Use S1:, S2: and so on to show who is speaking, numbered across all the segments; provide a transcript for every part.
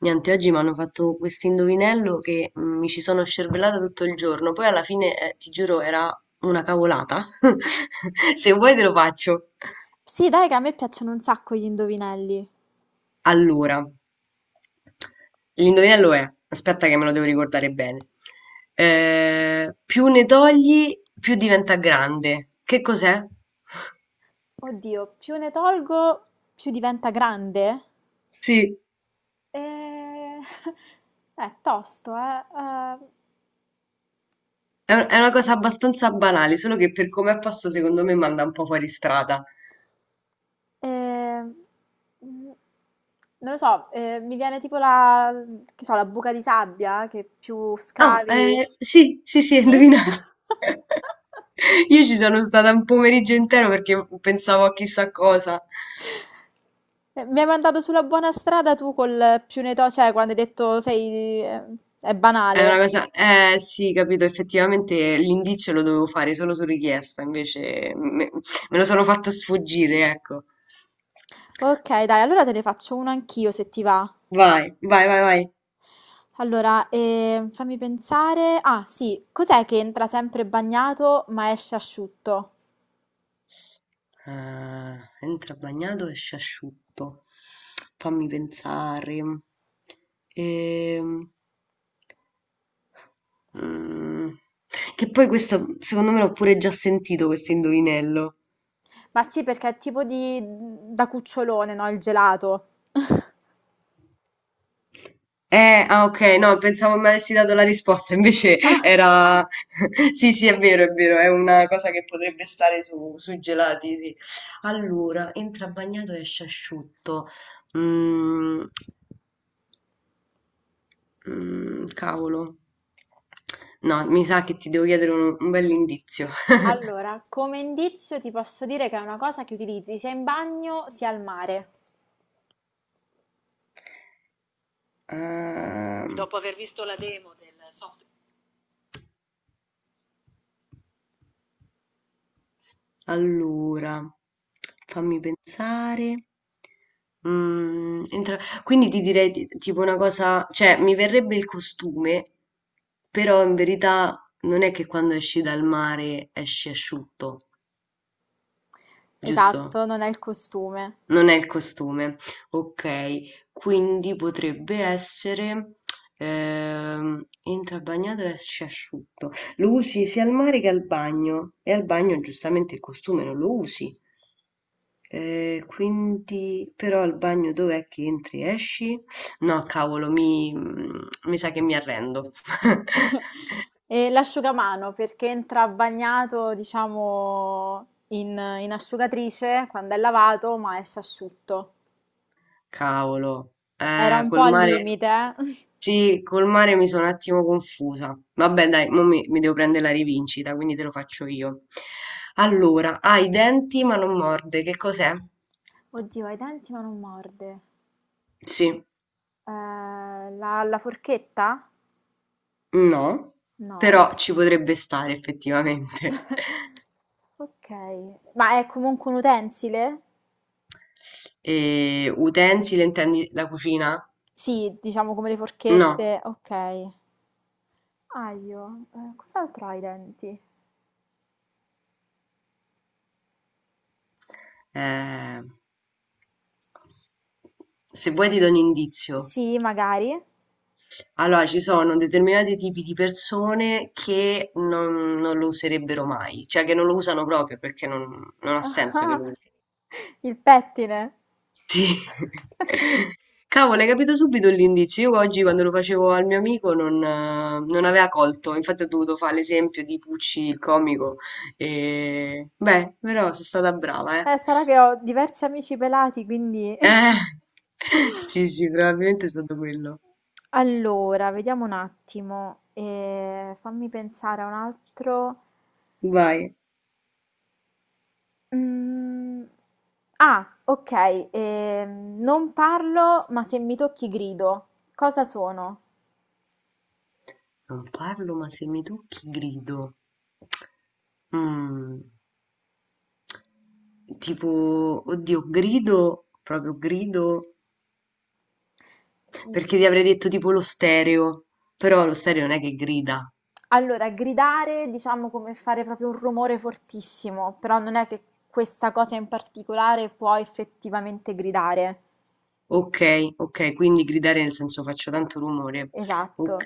S1: Niente, oggi mi hanno fatto questo indovinello che mi ci sono scervellata tutto il giorno, poi alla fine, ti giuro, era una cavolata. Se vuoi te lo faccio.
S2: Sì, dai, che a me piacciono un sacco gli indovinelli.
S1: Allora, l'indovinello è, aspetta che me lo devo ricordare bene. Più ne togli, più diventa grande. Che cos'è?
S2: Oddio, più ne tolgo, più diventa grande?
S1: Sì,
S2: Eh, È tosto, eh.
S1: è una cosa abbastanza banale, solo che per come è posto secondo me manda un po' fuori strada.
S2: Eh, eh, mm, Non lo so, mi viene tipo la, che so, la buca di sabbia, che più
S1: Oh,
S2: scavi.
S1: sì, sì, sì, hai
S2: Sì?
S1: indovinato. Io ci sono stata un pomeriggio intero perché pensavo a chissà cosa.
S2: Mi hai mandato sulla buona strada tu col più ne to, cioè quando hai detto sei, è
S1: È
S2: banale.
S1: una cosa, eh sì, capito, effettivamente l'indizio lo dovevo fare solo su richiesta, me lo sono fatto sfuggire, ecco.
S2: Okay, dai, allora te ne faccio una anch'io se ti va.
S1: Vai, vai, vai, vai.
S2: Allora, fammi pensare. Ah, sì, cos'è che entra sempre bagnato ma esce asciutto?
S1: Ah, entra bagnato, esce asciutto. Fammi pensare. Ehm. Mm. Che poi questo, secondo me, l'ho pure già sentito questo indovinello.
S2: Ma sì, perché è tipo da cucciolone, no? Il gelato.
S1: Ah, ok, no, pensavo mi avessi dato la risposta, invece
S2: Ah.
S1: era... Sì, sì, è vero, è vero, è una cosa che potrebbe stare su, sui gelati, sì. Allora, entra bagnato e esce asciutto. Mm, mm, cavolo. No, mi sa che ti devo chiedere un bell'indizio.
S2: Allora, come indizio ti posso dire che è una cosa che utilizzi sia in bagno sia al mare.
S1: Ehm Allora, fammi pensare. Quindi ti direi tipo una cosa, cioè mi verrebbe il costume, però in verità non è che quando esci dal mare esci asciutto, giusto?
S2: Esatto, non è il costume.
S1: Non è il costume. Ok, quindi potrebbe essere entra bagnato e esce asciutto. Lo usi sia al mare che al bagno. E al bagno giustamente il costume non lo usi. Quindi, però al bagno dov'è che entri e esci? No, cavolo, mi sa che mi arrendo.
S2: E l'asciugamano perché entra bagnato, diciamo, in asciugatrice quando è lavato, ma esce asciutto.
S1: Cavolo,
S2: Era un po'
S1: col
S2: al
S1: mare,
S2: limite, eh.
S1: sì, col mare mi sono un attimo confusa. Vabbè, dai, mo mi devo prendere la rivincita, quindi te lo faccio io. Allora, ha i denti ma non morde, che cos'è?
S2: Oddio, ha i denti ma non morde.
S1: Sì,
S2: Eh, la forchetta?
S1: no,
S2: No.
S1: però ci potrebbe stare effettivamente.
S2: Ok. Ma è comunque un utensile?
S1: E, utensile, intendi la cucina?
S2: Sì, diciamo come le
S1: No.
S2: forchette. Ok. Aglio. Cos'altro ha i denti?
S1: Eh, se vuoi ti do un indizio.
S2: Sì, magari.
S1: Allora, ci sono determinati tipi di persone che non lo userebbero mai, cioè che non lo usano proprio perché non ha senso che lo
S2: Ah,
S1: usi.
S2: il pettine.
S1: Sì. Cavolo, hai capito subito l'indizio. Io oggi quando lo facevo al mio amico non, non aveva colto, infatti ho dovuto fare l'esempio di Pucci il comico. E... Beh, però sono stata brava, eh.
S2: Sarà che ho diversi amici pelati, quindi.
S1: Eh, sì, sì, probabilmente è stato quello.
S2: Allora, vediamo un attimo. Fammi pensare a un altro.
S1: Vai.
S2: Mm, Ah, ok. Non parlo, ma se mi tocchi grido. Cosa sono?
S1: Non parlo, ma se mi tocchi grido. Mhmm, tipo, oddio, grido, proprio grido, perché ti avrei detto tipo lo stereo, però lo stereo non è che grida.
S2: Allora, gridare diciamo come fare proprio un rumore fortissimo, però non è che questa cosa in particolare può effettivamente gridare.
S1: Ok, ok, quindi gridare nel senso faccio tanto rumore.
S2: Esatto.
S1: Ok.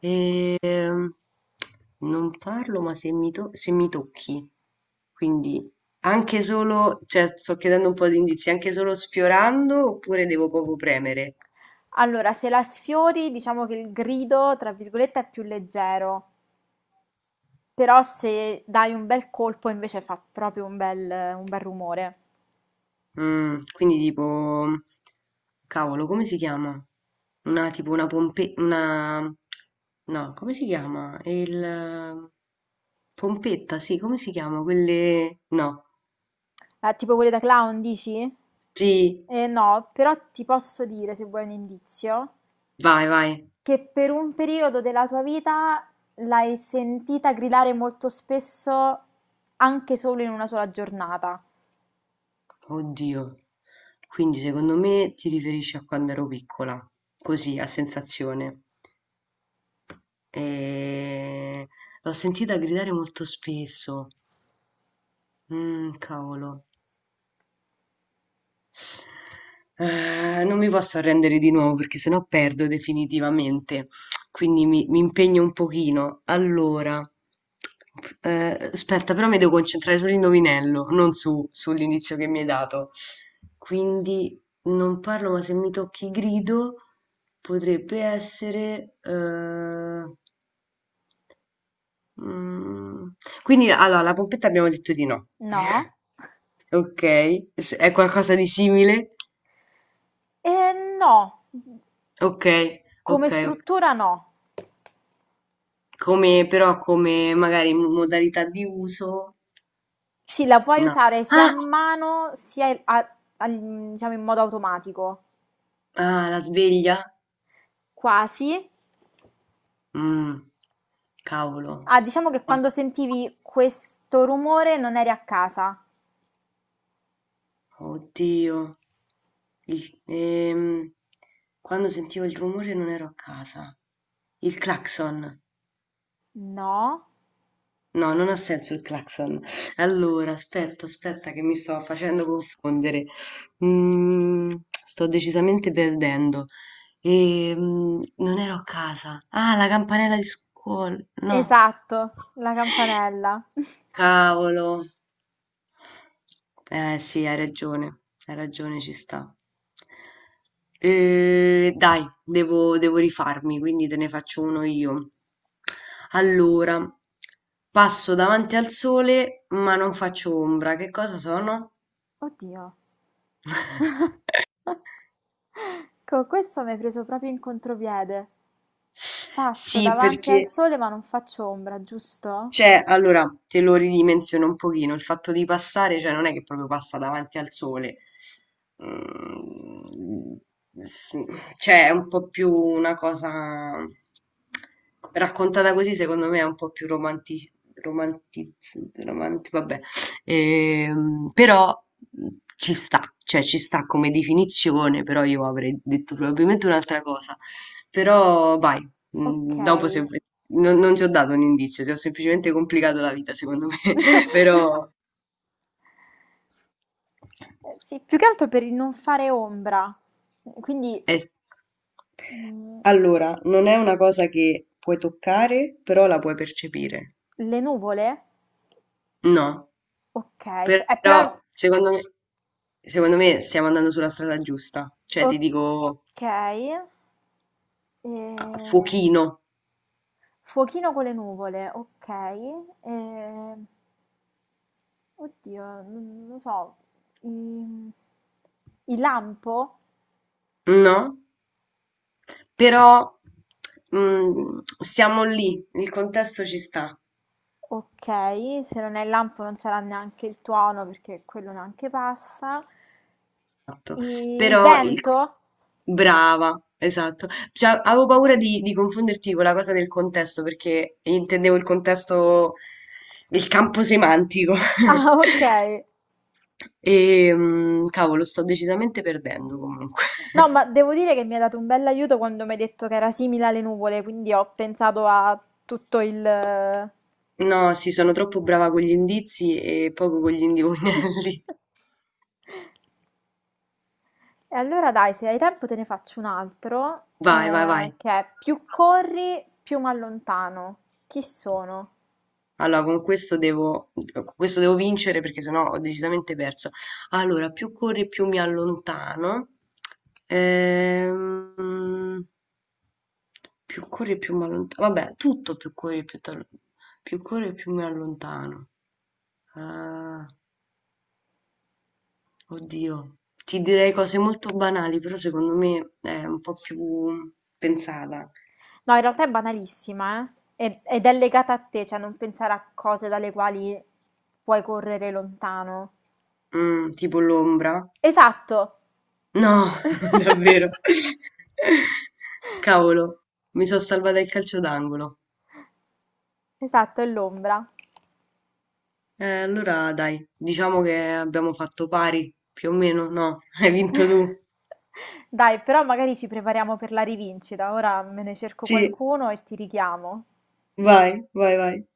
S1: Ehm, non parlo, ma se mi tocchi, quindi anche solo, cioè sto chiedendo un po' di indizi, anche solo sfiorando oppure devo poco premere?
S2: Allora, se la sfiori, diciamo che il grido, tra virgolette, è più leggero, però se dai un bel colpo invece fa proprio un bel rumore.
S1: Mm, quindi tipo, cavolo, come si chiama? Una tipo una pompe... una... no, come si chiama? Il... Pompetta, sì, come si chiama? Quelle... no.
S2: Tipo quelli da clown, dici?
S1: Sì,
S2: No, però ti posso dire, se vuoi un indizio,
S1: vai, vai.
S2: che per un periodo della tua vita l'hai sentita gridare molto spesso anche solo in una sola giornata,
S1: Oddio. Quindi secondo me ti riferisci a quando ero piccola, così, a sensazione. E... L'ho sentita gridare molto spesso. Mm, cavolo. Ah, non mi posso arrendere di nuovo perché sennò perdo definitivamente. Quindi mi impegno un pochino. Allora, aspetta, però mi devo concentrare sull'indovinello, non su- sull'indizio che mi hai dato. Quindi non parlo, ma se mi tocchi grido potrebbe essere. Mm, Quindi allora, la pompetta abbiamo detto di no.
S2: no?
S1: Ok, è qualcosa di simile?
S2: No,
S1: Ok, ok,
S2: come
S1: ok.
S2: struttura no.
S1: Come, però come magari modalità di uso,
S2: Sì, la puoi
S1: no.
S2: usare sia a,
S1: Ah,
S2: Ah, mano, sia diciamo in modo automatico,
S1: ah, la sveglia?
S2: quasi.
S1: Mm, cavolo.
S2: Ah, diciamo che quando
S1: As-
S2: sentivi questo rumore non eri a casa.
S1: Oddio. Il- ehm, quando sentivo il rumore non ero a casa. Il clacson.
S2: No, no,
S1: No, non ha senso il clacson. Allora, aspetta, aspetta che mi sto facendo confondere. Mm, sto decisamente perdendo. E, mm, non ero a casa. Ah, la campanella di scuola. No,
S2: esatto, la campanella.
S1: cavolo. Eh sì, hai ragione, ci sta. Dai, devo rifarmi, quindi te ne faccio uno io. Allora, passo davanti al sole, ma non faccio ombra. Che cosa sono?
S2: Oddio. Co questo mi hai preso proprio in contropiede. Passo, sì,
S1: Sì,
S2: davanti al,
S1: perché...
S2: perché, sole ma non faccio ombra, giusto?
S1: Cioè, allora te lo ridimensiono un pochino, il fatto di passare, cioè non è che proprio passa davanti al sole. Mm, s- cioè è un po' più una cosa raccontata così, secondo me è un po' più romanti, vabbè. Però mm, ci sta, cioè ci sta come definizione, però io avrei detto probabilmente un'altra cosa. Però vai,
S2: Ok.
S1: mm, dopo se vuoi... non ti ho dato un indizio, ti ho semplicemente complicato la vita, secondo me. Però
S2: Sì, più che altro per il non fare ombra. Quindi
S1: è-
S2: mm,
S1: allora, non è una cosa che puoi toccare, però la puoi percepire.
S2: le nuvole?
S1: No,
S2: Ok, però.
S1: però secondo me stiamo andando sulla strada giusta. Cioè, ti dico
S2: Ok. Eh,
S1: fuochino,
S2: Fuochino con le nuvole, ok. Eh, Oddio, non lo so. I il lampo?
S1: no? Però mm, siamo lì, il contesto ci sta.
S2: Okay, se non è il lampo non sarà neanche il tuono perché quello neanche passa.
S1: Esatto.
S2: I il è l'olio,
S1: Però il-
S2: vento?
S1: brava, esatto. Cioè, avevo paura di confonderti con la cosa del contesto, perché intendevo il contesto del campo semantico.
S2: Ah, okay.
S1: E mm, cavolo, sto decisamente perdendo comunque.
S2: No, ma devo dire che mi hai dato un bell'aiuto quando mi hai detto che era simile alle nuvole, quindi ho pensato a tutto il.
S1: No, sì, sono troppo brava con gli indizi e poco con gli indovinelli.
S2: E allora dai, se hai tempo te ne faccio un altro,
S1: Vai, vai, vai.
S2: che è più corri, più mi allontano. Chi sono?
S1: Allora, con questo devo vincere perché sennò ho decisamente perso. Allora, più corri, più mi allontano. Ehm, più corri, più mi allontano. Vabbè, tutto più corri, più mi allontano. Ah, oddio, ti direi cose molto banali, però secondo me è un po' più pensata.
S2: No, in realtà è banalissima, eh? Ed è legata a te, cioè non pensare a cose dalle quali puoi correre lontano.
S1: Mm, tipo l'ombra.
S2: Esatto,
S1: No, davvero. Cavolo, mi sono salvata il calcio d'angolo.
S2: esatto, è l'ombra.
S1: Allora dai, diciamo che abbiamo fatto pari, più o meno, no? Hai vinto tu.
S2: Dai, però magari ci prepariamo per la rivincita. Ora me ne cerco
S1: Sì,
S2: qualcuno e ti richiamo.
S1: vai, vai, vai.